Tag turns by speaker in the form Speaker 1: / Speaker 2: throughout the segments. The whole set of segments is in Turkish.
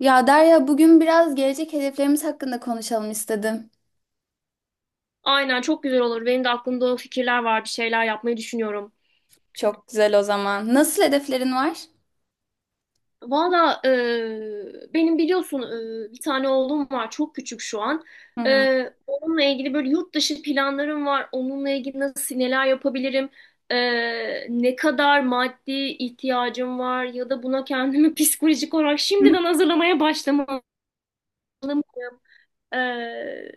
Speaker 1: Ya Derya, bugün biraz gelecek hedeflerimiz hakkında konuşalım istedim.
Speaker 2: Aynen çok güzel olur. Benim de aklımda o fikirler var. Bir şeyler yapmayı düşünüyorum.
Speaker 1: Çok güzel o zaman. Nasıl hedeflerin var?
Speaker 2: Valla benim biliyorsun bir tane oğlum var. Çok küçük şu an.
Speaker 1: Hı hı.
Speaker 2: Onunla ilgili böyle yurt dışı planlarım var. Onunla ilgili nasıl neler yapabilirim? E, Ne kadar maddi ihtiyacım var ya da buna kendimi psikolojik olarak şimdiden hazırlamaya başlamalıyım. Ee,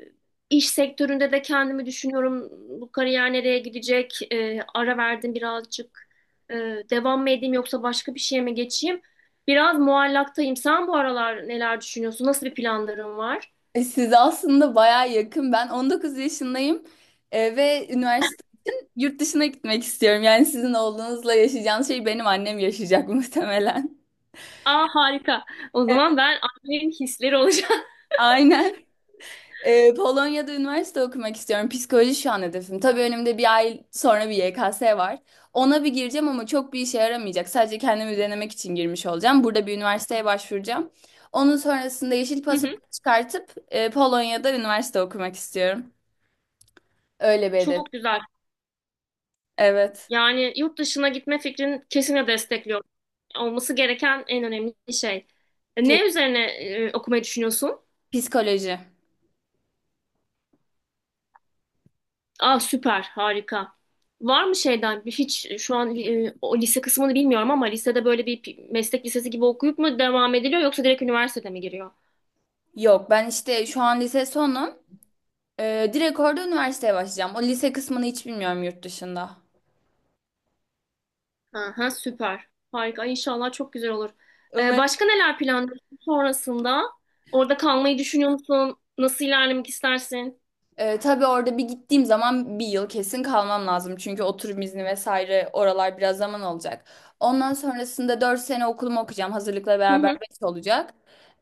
Speaker 2: iş sektöründe de kendimi düşünüyorum. Bu kariyer nereye gidecek? Ara verdim birazcık. Devam mı edeyim yoksa başka bir şeye mi geçeyim? Biraz muallaktayım. Sen bu aralar neler düşünüyorsun? Nasıl bir planların var?
Speaker 1: Size aslında baya yakın. Ben 19 yaşındayım, ve üniversite için yurt dışına gitmek istiyorum. Yani sizin oğlunuzla yaşayacağınız şey benim annem yaşayacak muhtemelen.
Speaker 2: Aa harika. O
Speaker 1: Evet.
Speaker 2: zaman ben annenin hisleri olacağım.
Speaker 1: Aynen. Polonya'da üniversite okumak istiyorum. Psikoloji şu an hedefim. Tabii önümde bir ay sonra bir YKS var. Ona bir gireceğim ama çok bir işe yaramayacak. Sadece kendimi denemek için girmiş olacağım. Burada bir üniversiteye başvuracağım. Onun sonrasında yeşil
Speaker 2: Hı hı.
Speaker 1: pasaport çıkartıp Polonya'da üniversite okumak istiyorum. Öyle bir hedef.
Speaker 2: Çok güzel.
Speaker 1: Evet.
Speaker 2: Yani yurt dışına gitme fikrini kesinlikle destekliyorum. Olması gereken en önemli şey.
Speaker 1: Te-
Speaker 2: Ne üzerine okumayı düşünüyorsun?
Speaker 1: Psikoloji.
Speaker 2: Ah süper, harika. Var mı şeyden bir hiç şu an o lise kısmını bilmiyorum ama lisede böyle meslek lisesi gibi okuyup mu devam ediliyor yoksa direkt üniversitede mi giriyor?
Speaker 1: Yok, ben işte şu an lise sonum. Direkt orada üniversiteye başlayacağım. O lise kısmını hiç bilmiyorum yurt dışında.
Speaker 2: Aha süper. Harika. Ay, İnşallah çok güzel olur. Başka neler planlıyorsun sonrasında? Orada kalmayı düşünüyor musun? Nasıl ilerlemek istersin?
Speaker 1: Tabii orada bir gittiğim zaman bir yıl kesin kalmam lazım. Çünkü oturum izni vesaire oralar biraz zaman alacak. Ondan sonrasında 4 sene okulumu okuyacağım. Hazırlıkla
Speaker 2: Hı
Speaker 1: beraber
Speaker 2: hı.
Speaker 1: 5 olacak.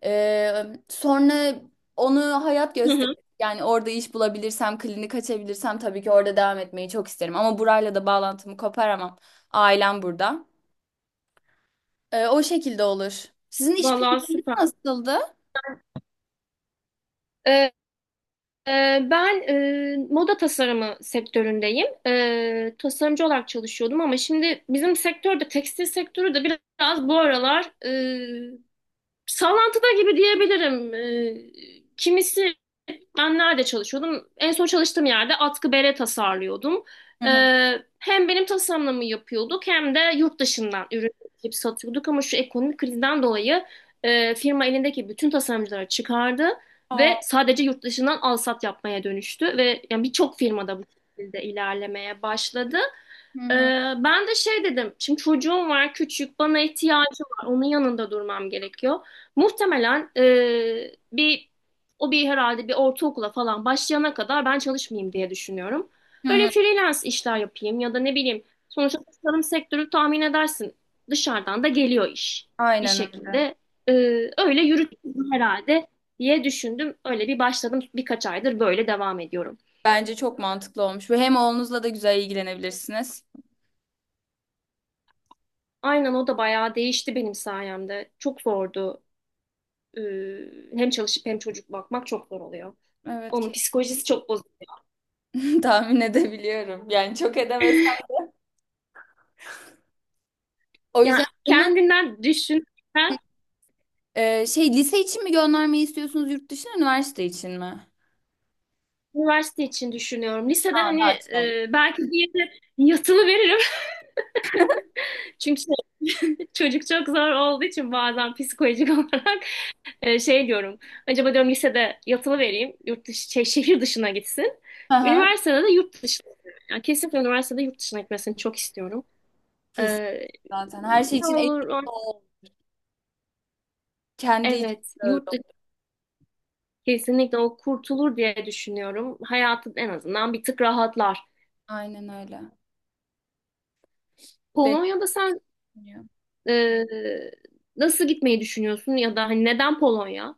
Speaker 1: Sonra onu hayat
Speaker 2: Hı
Speaker 1: gösterir.
Speaker 2: hı.
Speaker 1: Yani orada iş bulabilirsem, klinik açabilirsem tabii ki orada devam etmeyi çok isterim. Ama burayla da bağlantımı koparamam. Ailem burada. O şekilde olur. Sizin iş
Speaker 2: Vallahi
Speaker 1: planlarınız
Speaker 2: süper.
Speaker 1: nasıldı?
Speaker 2: Ben moda tasarımı sektöründeyim. Tasarımcı olarak çalışıyordum ama şimdi bizim sektörde tekstil sektörü de biraz bu aralar sallantıda gibi diyebilirim. Kimisi ben nerede çalışıyordum? En son çalıştığım yerde atkı bere tasarlıyordum.
Speaker 1: Hı hı.
Speaker 2: Ee, Hem benim tasarımımı yapıyorduk hem de yurt dışından ürün getirip satıyorduk. Ama şu ekonomik krizden dolayı firma elindeki bütün tasarımcıları çıkardı ve
Speaker 1: Aa,
Speaker 2: sadece yurt dışından alsat yapmaya dönüştü ve yani birçok firmada bu şekilde ilerlemeye başladı.
Speaker 1: hı
Speaker 2: Ee,
Speaker 1: hı.
Speaker 2: Ben de şey dedim. Şimdi çocuğum var küçük bana ihtiyacı var. Onun yanında durmam gerekiyor. Muhtemelen bir o bir herhalde bir ortaokula falan başlayana kadar ben çalışmayayım diye düşünüyorum.
Speaker 1: Hı
Speaker 2: Böyle
Speaker 1: hı.
Speaker 2: freelance işler yapayım ya da ne bileyim. Sonuçta tasarım sektörü tahmin edersin. Dışarıdan da geliyor iş bir
Speaker 1: Aynen öyle.
Speaker 2: şekilde. Ee, Öyle yürütürüm herhalde diye düşündüm. Öyle bir başladım birkaç aydır böyle devam ediyorum.
Speaker 1: Bence çok mantıklı olmuş. Ve hem oğlunuzla da güzel ilgilenebilirsiniz.
Speaker 2: Aynen o da bayağı değişti benim sayemde. Çok zordu. e, Hem çalışıp hem çocuk bakmak çok zor oluyor.
Speaker 1: Evet
Speaker 2: Onun
Speaker 1: ki
Speaker 2: psikolojisi çok bozuk.
Speaker 1: tahmin edebiliyorum. Yani çok edemezsem. O
Speaker 2: Yani
Speaker 1: yüzden bunu
Speaker 2: kendinden düşün. Ben
Speaker 1: şey, lise için mi göndermeyi istiyorsunuz yurt dışına, üniversite için mi?
Speaker 2: üniversite için düşünüyorum. Lisede
Speaker 1: Ha,
Speaker 2: hani
Speaker 1: daha çok.
Speaker 2: belki bir yere yatılı veririm. Çünkü şey, çocuk çok zor olduğu için bazen psikolojik olarak şey diyorum. Acaba diyorum lisede yatılı vereyim. Yurt dışı, şey, şehir dışına gitsin.
Speaker 1: Hı hı.
Speaker 2: Üniversitede de yurt dışına. Yani kesinlikle üniversitede yurt dışına gitmesini çok istiyorum. E,
Speaker 1: Kesin zaten. Her şey
Speaker 2: Ne
Speaker 1: için emin
Speaker 2: olur?
Speaker 1: ol. Kendi için
Speaker 2: Evet.
Speaker 1: de öyle.
Speaker 2: Yurt dışı.
Speaker 1: Ol.
Speaker 2: Kesinlikle o kurtulur diye düşünüyorum. Hayatı en azından bir tık rahatlar.
Speaker 1: Aynen öyle.
Speaker 2: Polonya'da sen
Speaker 1: Benim.
Speaker 2: e, nasıl gitmeyi düşünüyorsun ya da hani neden Polonya?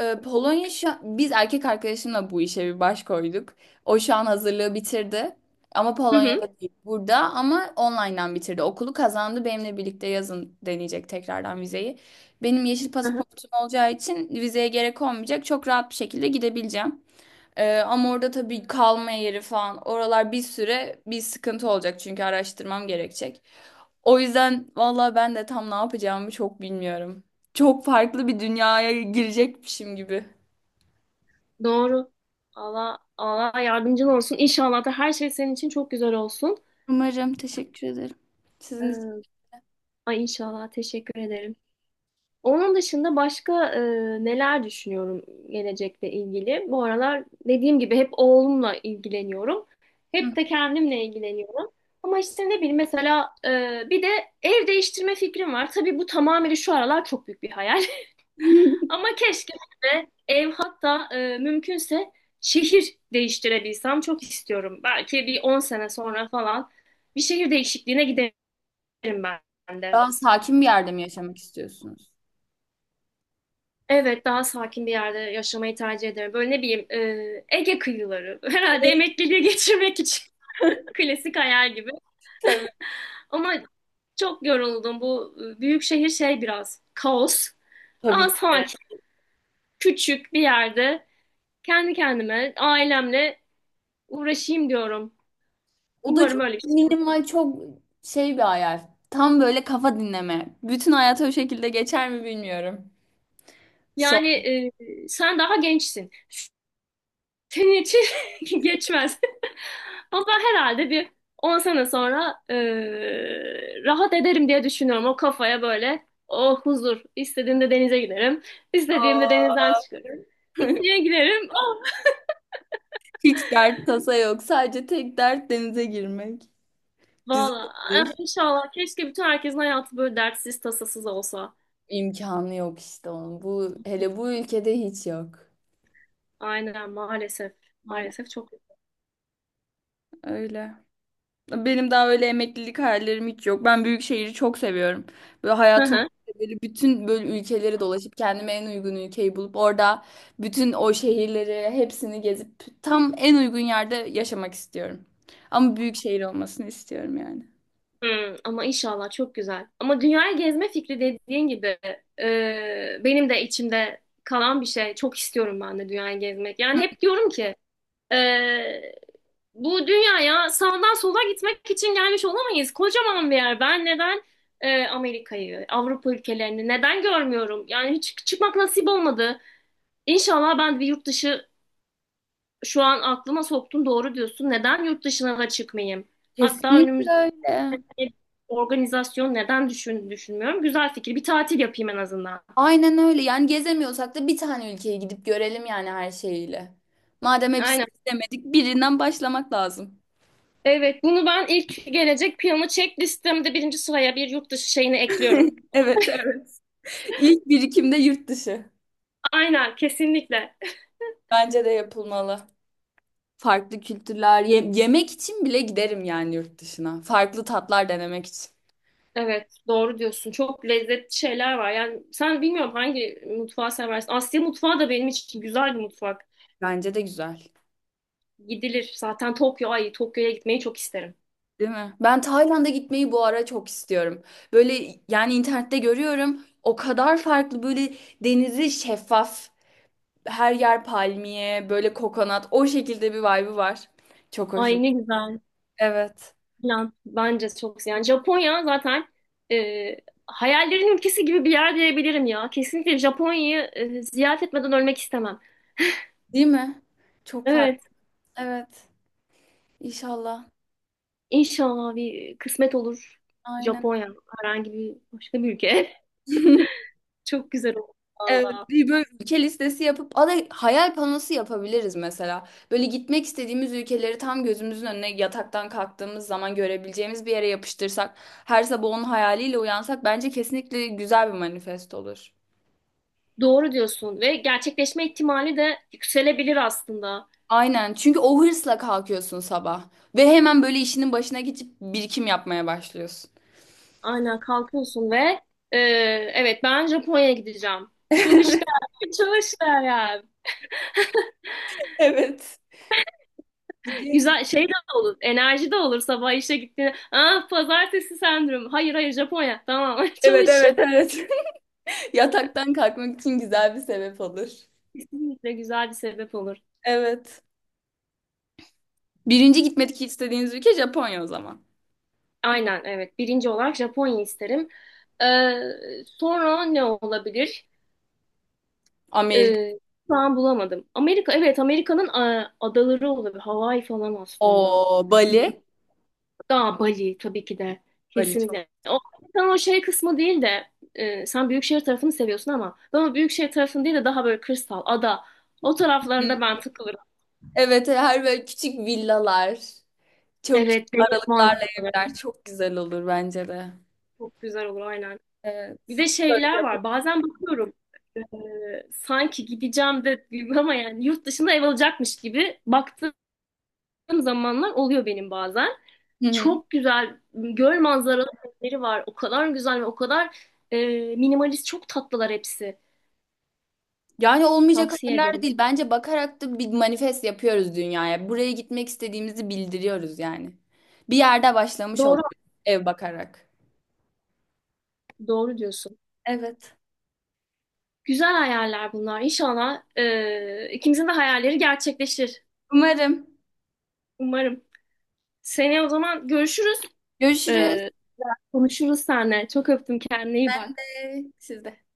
Speaker 1: Polonya şu an- biz erkek arkadaşımla bu işe bir baş koyduk. O şu an hazırlığı bitirdi. Ama
Speaker 2: Hı hı.
Speaker 1: Polonya'da değil, burada ama online'dan bitirdi. Okulu kazandı. Benimle birlikte yazın deneyecek tekrardan vizeyi. Benim yeşil
Speaker 2: Hı hı.
Speaker 1: pasaportum olacağı için vizeye gerek olmayacak. Çok rahat bir şekilde gidebileceğim. Ama orada tabii kalma yeri falan oralar bir süre bir sıkıntı olacak çünkü araştırmam gerekecek. O yüzden valla ben de tam ne yapacağımı çok bilmiyorum. Çok farklı bir dünyaya girecekmişim gibi.
Speaker 2: Doğru. Allah Allah yardımcın olsun. İnşallah da her şey senin için çok güzel olsun.
Speaker 1: Umarım. Teşekkür ederim. Sizin için.
Speaker 2: Ee, Ay inşallah. Teşekkür ederim. Onun dışında başka neler düşünüyorum gelecekle ilgili. Bu aralar dediğim gibi hep oğlumla ilgileniyorum.
Speaker 1: Hı.
Speaker 2: Hep de kendimle ilgileniyorum. Ama işte ne bileyim mesela bir de ev değiştirme fikrim var. Tabii bu tamamen şu aralar çok büyük bir hayal. Ama keşke de ev hatta mümkünse şehir değiştirebilsem çok istiyorum. Belki bir 10 sene sonra falan bir şehir değişikliğine giderim ben de.
Speaker 1: Daha sakin bir yerde mi yaşamak istiyorsunuz?
Speaker 2: Evet, daha sakin bir yerde yaşamayı tercih ederim. Böyle ne bileyim, Ege kıyıları. Herhalde emekliliği geçirmek için klasik hayal gibi.
Speaker 1: Tabii.
Speaker 2: Ama çok yoruldum. Bu büyük şehir şey biraz kaos.
Speaker 1: Tabii.
Speaker 2: Daha sakin, küçük bir yerde kendi kendime, ailemle uğraşayım diyorum.
Speaker 1: O da
Speaker 2: Umarım
Speaker 1: çok
Speaker 2: öyle bir şey.
Speaker 1: minimal, çok şey bir hayal. Tam böyle kafa dinleme. Bütün hayatı o şekilde geçer mi bilmiyorum.
Speaker 2: Yani
Speaker 1: Son.
Speaker 2: sen daha gençsin. Senin için geçmez. O da herhalde bir 10 sene sonra rahat ederim diye düşünüyorum. O kafaya böyle o huzur. İstediğimde denize giderim. İstediğimde denizden
Speaker 1: Aa.
Speaker 2: çıkarım. Pikniğe giderim. Oh,
Speaker 1: Hiç dert tasa yok. Sadece tek dert denize girmek. Güzel
Speaker 2: valla
Speaker 1: olur.
Speaker 2: inşallah. Keşke bütün herkesin hayatı böyle dertsiz tasasız olsa.
Speaker 1: İmkanı yok işte onun. Bu hele bu ülkede hiç yok.
Speaker 2: Aynen maalesef.
Speaker 1: Maalesef
Speaker 2: Maalesef çok.
Speaker 1: öyle. Benim daha öyle emeklilik hayallerim hiç yok. Ben büyük şehri çok seviyorum. Böyle hayatım boyunca böyle bütün böyle ülkeleri dolaşıp kendime en uygun ülkeyi bulup orada bütün o şehirleri hepsini gezip tam en uygun yerde yaşamak istiyorum. Ama büyük şehir olmasını istiyorum yani.
Speaker 2: Hmm, ama inşallah çok güzel. Ama dünyayı gezme fikri dediğin gibi benim de içimde kalan bir şey. Çok istiyorum ben de dünyayı gezmek. Yani hep diyorum ki e, bu dünyaya sağdan sola gitmek için gelmiş olamayız. Kocaman bir yer. Ben neden Amerika'yı, Avrupa ülkelerini neden görmüyorum? Yani hiç çıkmak nasip olmadı. İnşallah ben de bir yurt dışı şu an aklıma soktun doğru diyorsun. Neden yurt dışına da çıkmayayım? Hatta
Speaker 1: Kesinlikle
Speaker 2: önümüz
Speaker 1: öyle.
Speaker 2: e, organizasyon neden düşünmüyorum. Güzel fikir. Bir tatil yapayım en azından.
Speaker 1: Aynen öyle. Yani gezemiyorsak da bir tane ülkeye gidip görelim yani her şeyiyle. Madem hepsini
Speaker 2: Aynen.
Speaker 1: istemedik, birinden başlamak lazım.
Speaker 2: Evet, bunu ben ilk gelecek planı check listemde birinci sıraya bir yurt dışı şeyini ekliyorum.
Speaker 1: Evet, evet. İlk birikimde yurt dışı.
Speaker 2: Aynen, kesinlikle.
Speaker 1: Bence de yapılmalı. Farklı kültürler, yemek için bile giderim yani yurt dışına. Farklı tatlar denemek için.
Speaker 2: Evet, doğru diyorsun. Çok lezzetli şeyler var. Yani sen bilmiyorum hangi mutfağı seversin. Asya mutfağı da benim için güzel bir mutfak.
Speaker 1: Bence de güzel.
Speaker 2: Gidilir. Zaten Tokyo, ay Tokyo'ya gitmeyi çok isterim.
Speaker 1: Değil mi? Ben Tayland'a gitmeyi bu ara çok istiyorum. Böyle yani internette görüyorum. O kadar farklı, böyle denizi şeffaf, her yer palmiye, böyle kokonat, o şekilde bir vibe'ı var. Çok
Speaker 2: Ay
Speaker 1: hoşum.
Speaker 2: ne güzel.
Speaker 1: Evet.
Speaker 2: Finland bence çok yani Japonya zaten e, hayallerin ülkesi gibi bir yer diyebilirim ya. Kesinlikle Japonya'yı ziyaret etmeden ölmek istemem.
Speaker 1: Değil mi? Çok farklı.
Speaker 2: Evet,
Speaker 1: Evet. İnşallah.
Speaker 2: inşallah bir kısmet olur
Speaker 1: Aynen.
Speaker 2: Japonya herhangi bir başka bir ülke. Çok güzel olur
Speaker 1: Evet,
Speaker 2: valla.
Speaker 1: bir böyle ülke listesi yapıp aday hayal panosu yapabiliriz mesela. Böyle gitmek istediğimiz ülkeleri tam gözümüzün önüne yataktan kalktığımız zaman görebileceğimiz bir yere yapıştırsak, her sabah onun hayaliyle uyansak bence kesinlikle güzel bir manifest olur.
Speaker 2: Doğru diyorsun ve gerçekleşme ihtimali de yükselebilir aslında.
Speaker 1: Aynen. Çünkü o hırsla kalkıyorsun sabah ve hemen böyle işinin başına geçip birikim yapmaya başlıyorsun.
Speaker 2: Aynen kalkıyorsun ve e, evet ben Japonya'ya gideceğim. Çalışlar, çalışlar ya.
Speaker 1: Evet. Gidiyoruz.
Speaker 2: Güzel şey de olur. Enerji de olur sabah işe gittiğinde. Ah pazartesi sendromu. Hayır hayır Japonya. Tamam
Speaker 1: Evet,
Speaker 2: çalış.
Speaker 1: evet, evet. Yataktan kalkmak için güzel bir sebep olur.
Speaker 2: Kesinlikle güzel bir sebep olur.
Speaker 1: Evet. Birinci gitmek istediğiniz ülke Japonya o zaman.
Speaker 2: Aynen evet. Birinci olarak Japonya isterim. Ee, Sonra ne olabilir?
Speaker 1: Amerika.
Speaker 2: Ee, Şu an bulamadım. Amerika evet Amerika'nın adaları olabilir. Hawaii falan aslında.
Speaker 1: O Bali.
Speaker 2: Daha Bali tabii ki de.
Speaker 1: Bali çok.
Speaker 2: Kesinlikle. O, sen o şey kısmı değil de sen büyükşehir tarafını seviyorsun ama ben o büyükşehir tarafını değil de daha böyle kırsal, ada. O
Speaker 1: Hı,
Speaker 2: taraflarında ben takılırım.
Speaker 1: evet, her böyle küçük villalar. Çok küçük
Speaker 2: Evet, deniz
Speaker 1: aralıklarla
Speaker 2: manzaraları
Speaker 1: evler. Çok güzel olur bence de.
Speaker 2: çok güzel olur aynen. Bir
Speaker 1: Evet.
Speaker 2: de şeyler var. Bazen bakıyorum e, sanki gideceğim de ama yani yurt dışında ev alacakmış gibi baktığım zamanlar oluyor benim bazen.
Speaker 1: Hı hı.
Speaker 2: Çok güzel göl manzaralı evleri var. O kadar güzel ve o kadar e, minimalist çok tatlılar hepsi.
Speaker 1: Yani olmayacak
Speaker 2: Tavsiye
Speaker 1: hayaller
Speaker 2: ederim.
Speaker 1: değil. Bence bakarak da bir manifest yapıyoruz dünyaya. Buraya gitmek istediğimizi bildiriyoruz yani. Bir yerde başlamış
Speaker 2: Doğru,
Speaker 1: oluyoruz, ev bakarak.
Speaker 2: doğru diyorsun.
Speaker 1: Evet.
Speaker 2: Güzel hayaller bunlar. İnşallah ikimizin de hayalleri gerçekleşir.
Speaker 1: Umarım.
Speaker 2: Umarım. Seneye o zaman görüşürüz.
Speaker 1: Görüşürüz.
Speaker 2: E, Konuşuruz seninle. Çok öptüm. Kendine iyi bak.
Speaker 1: Siz de.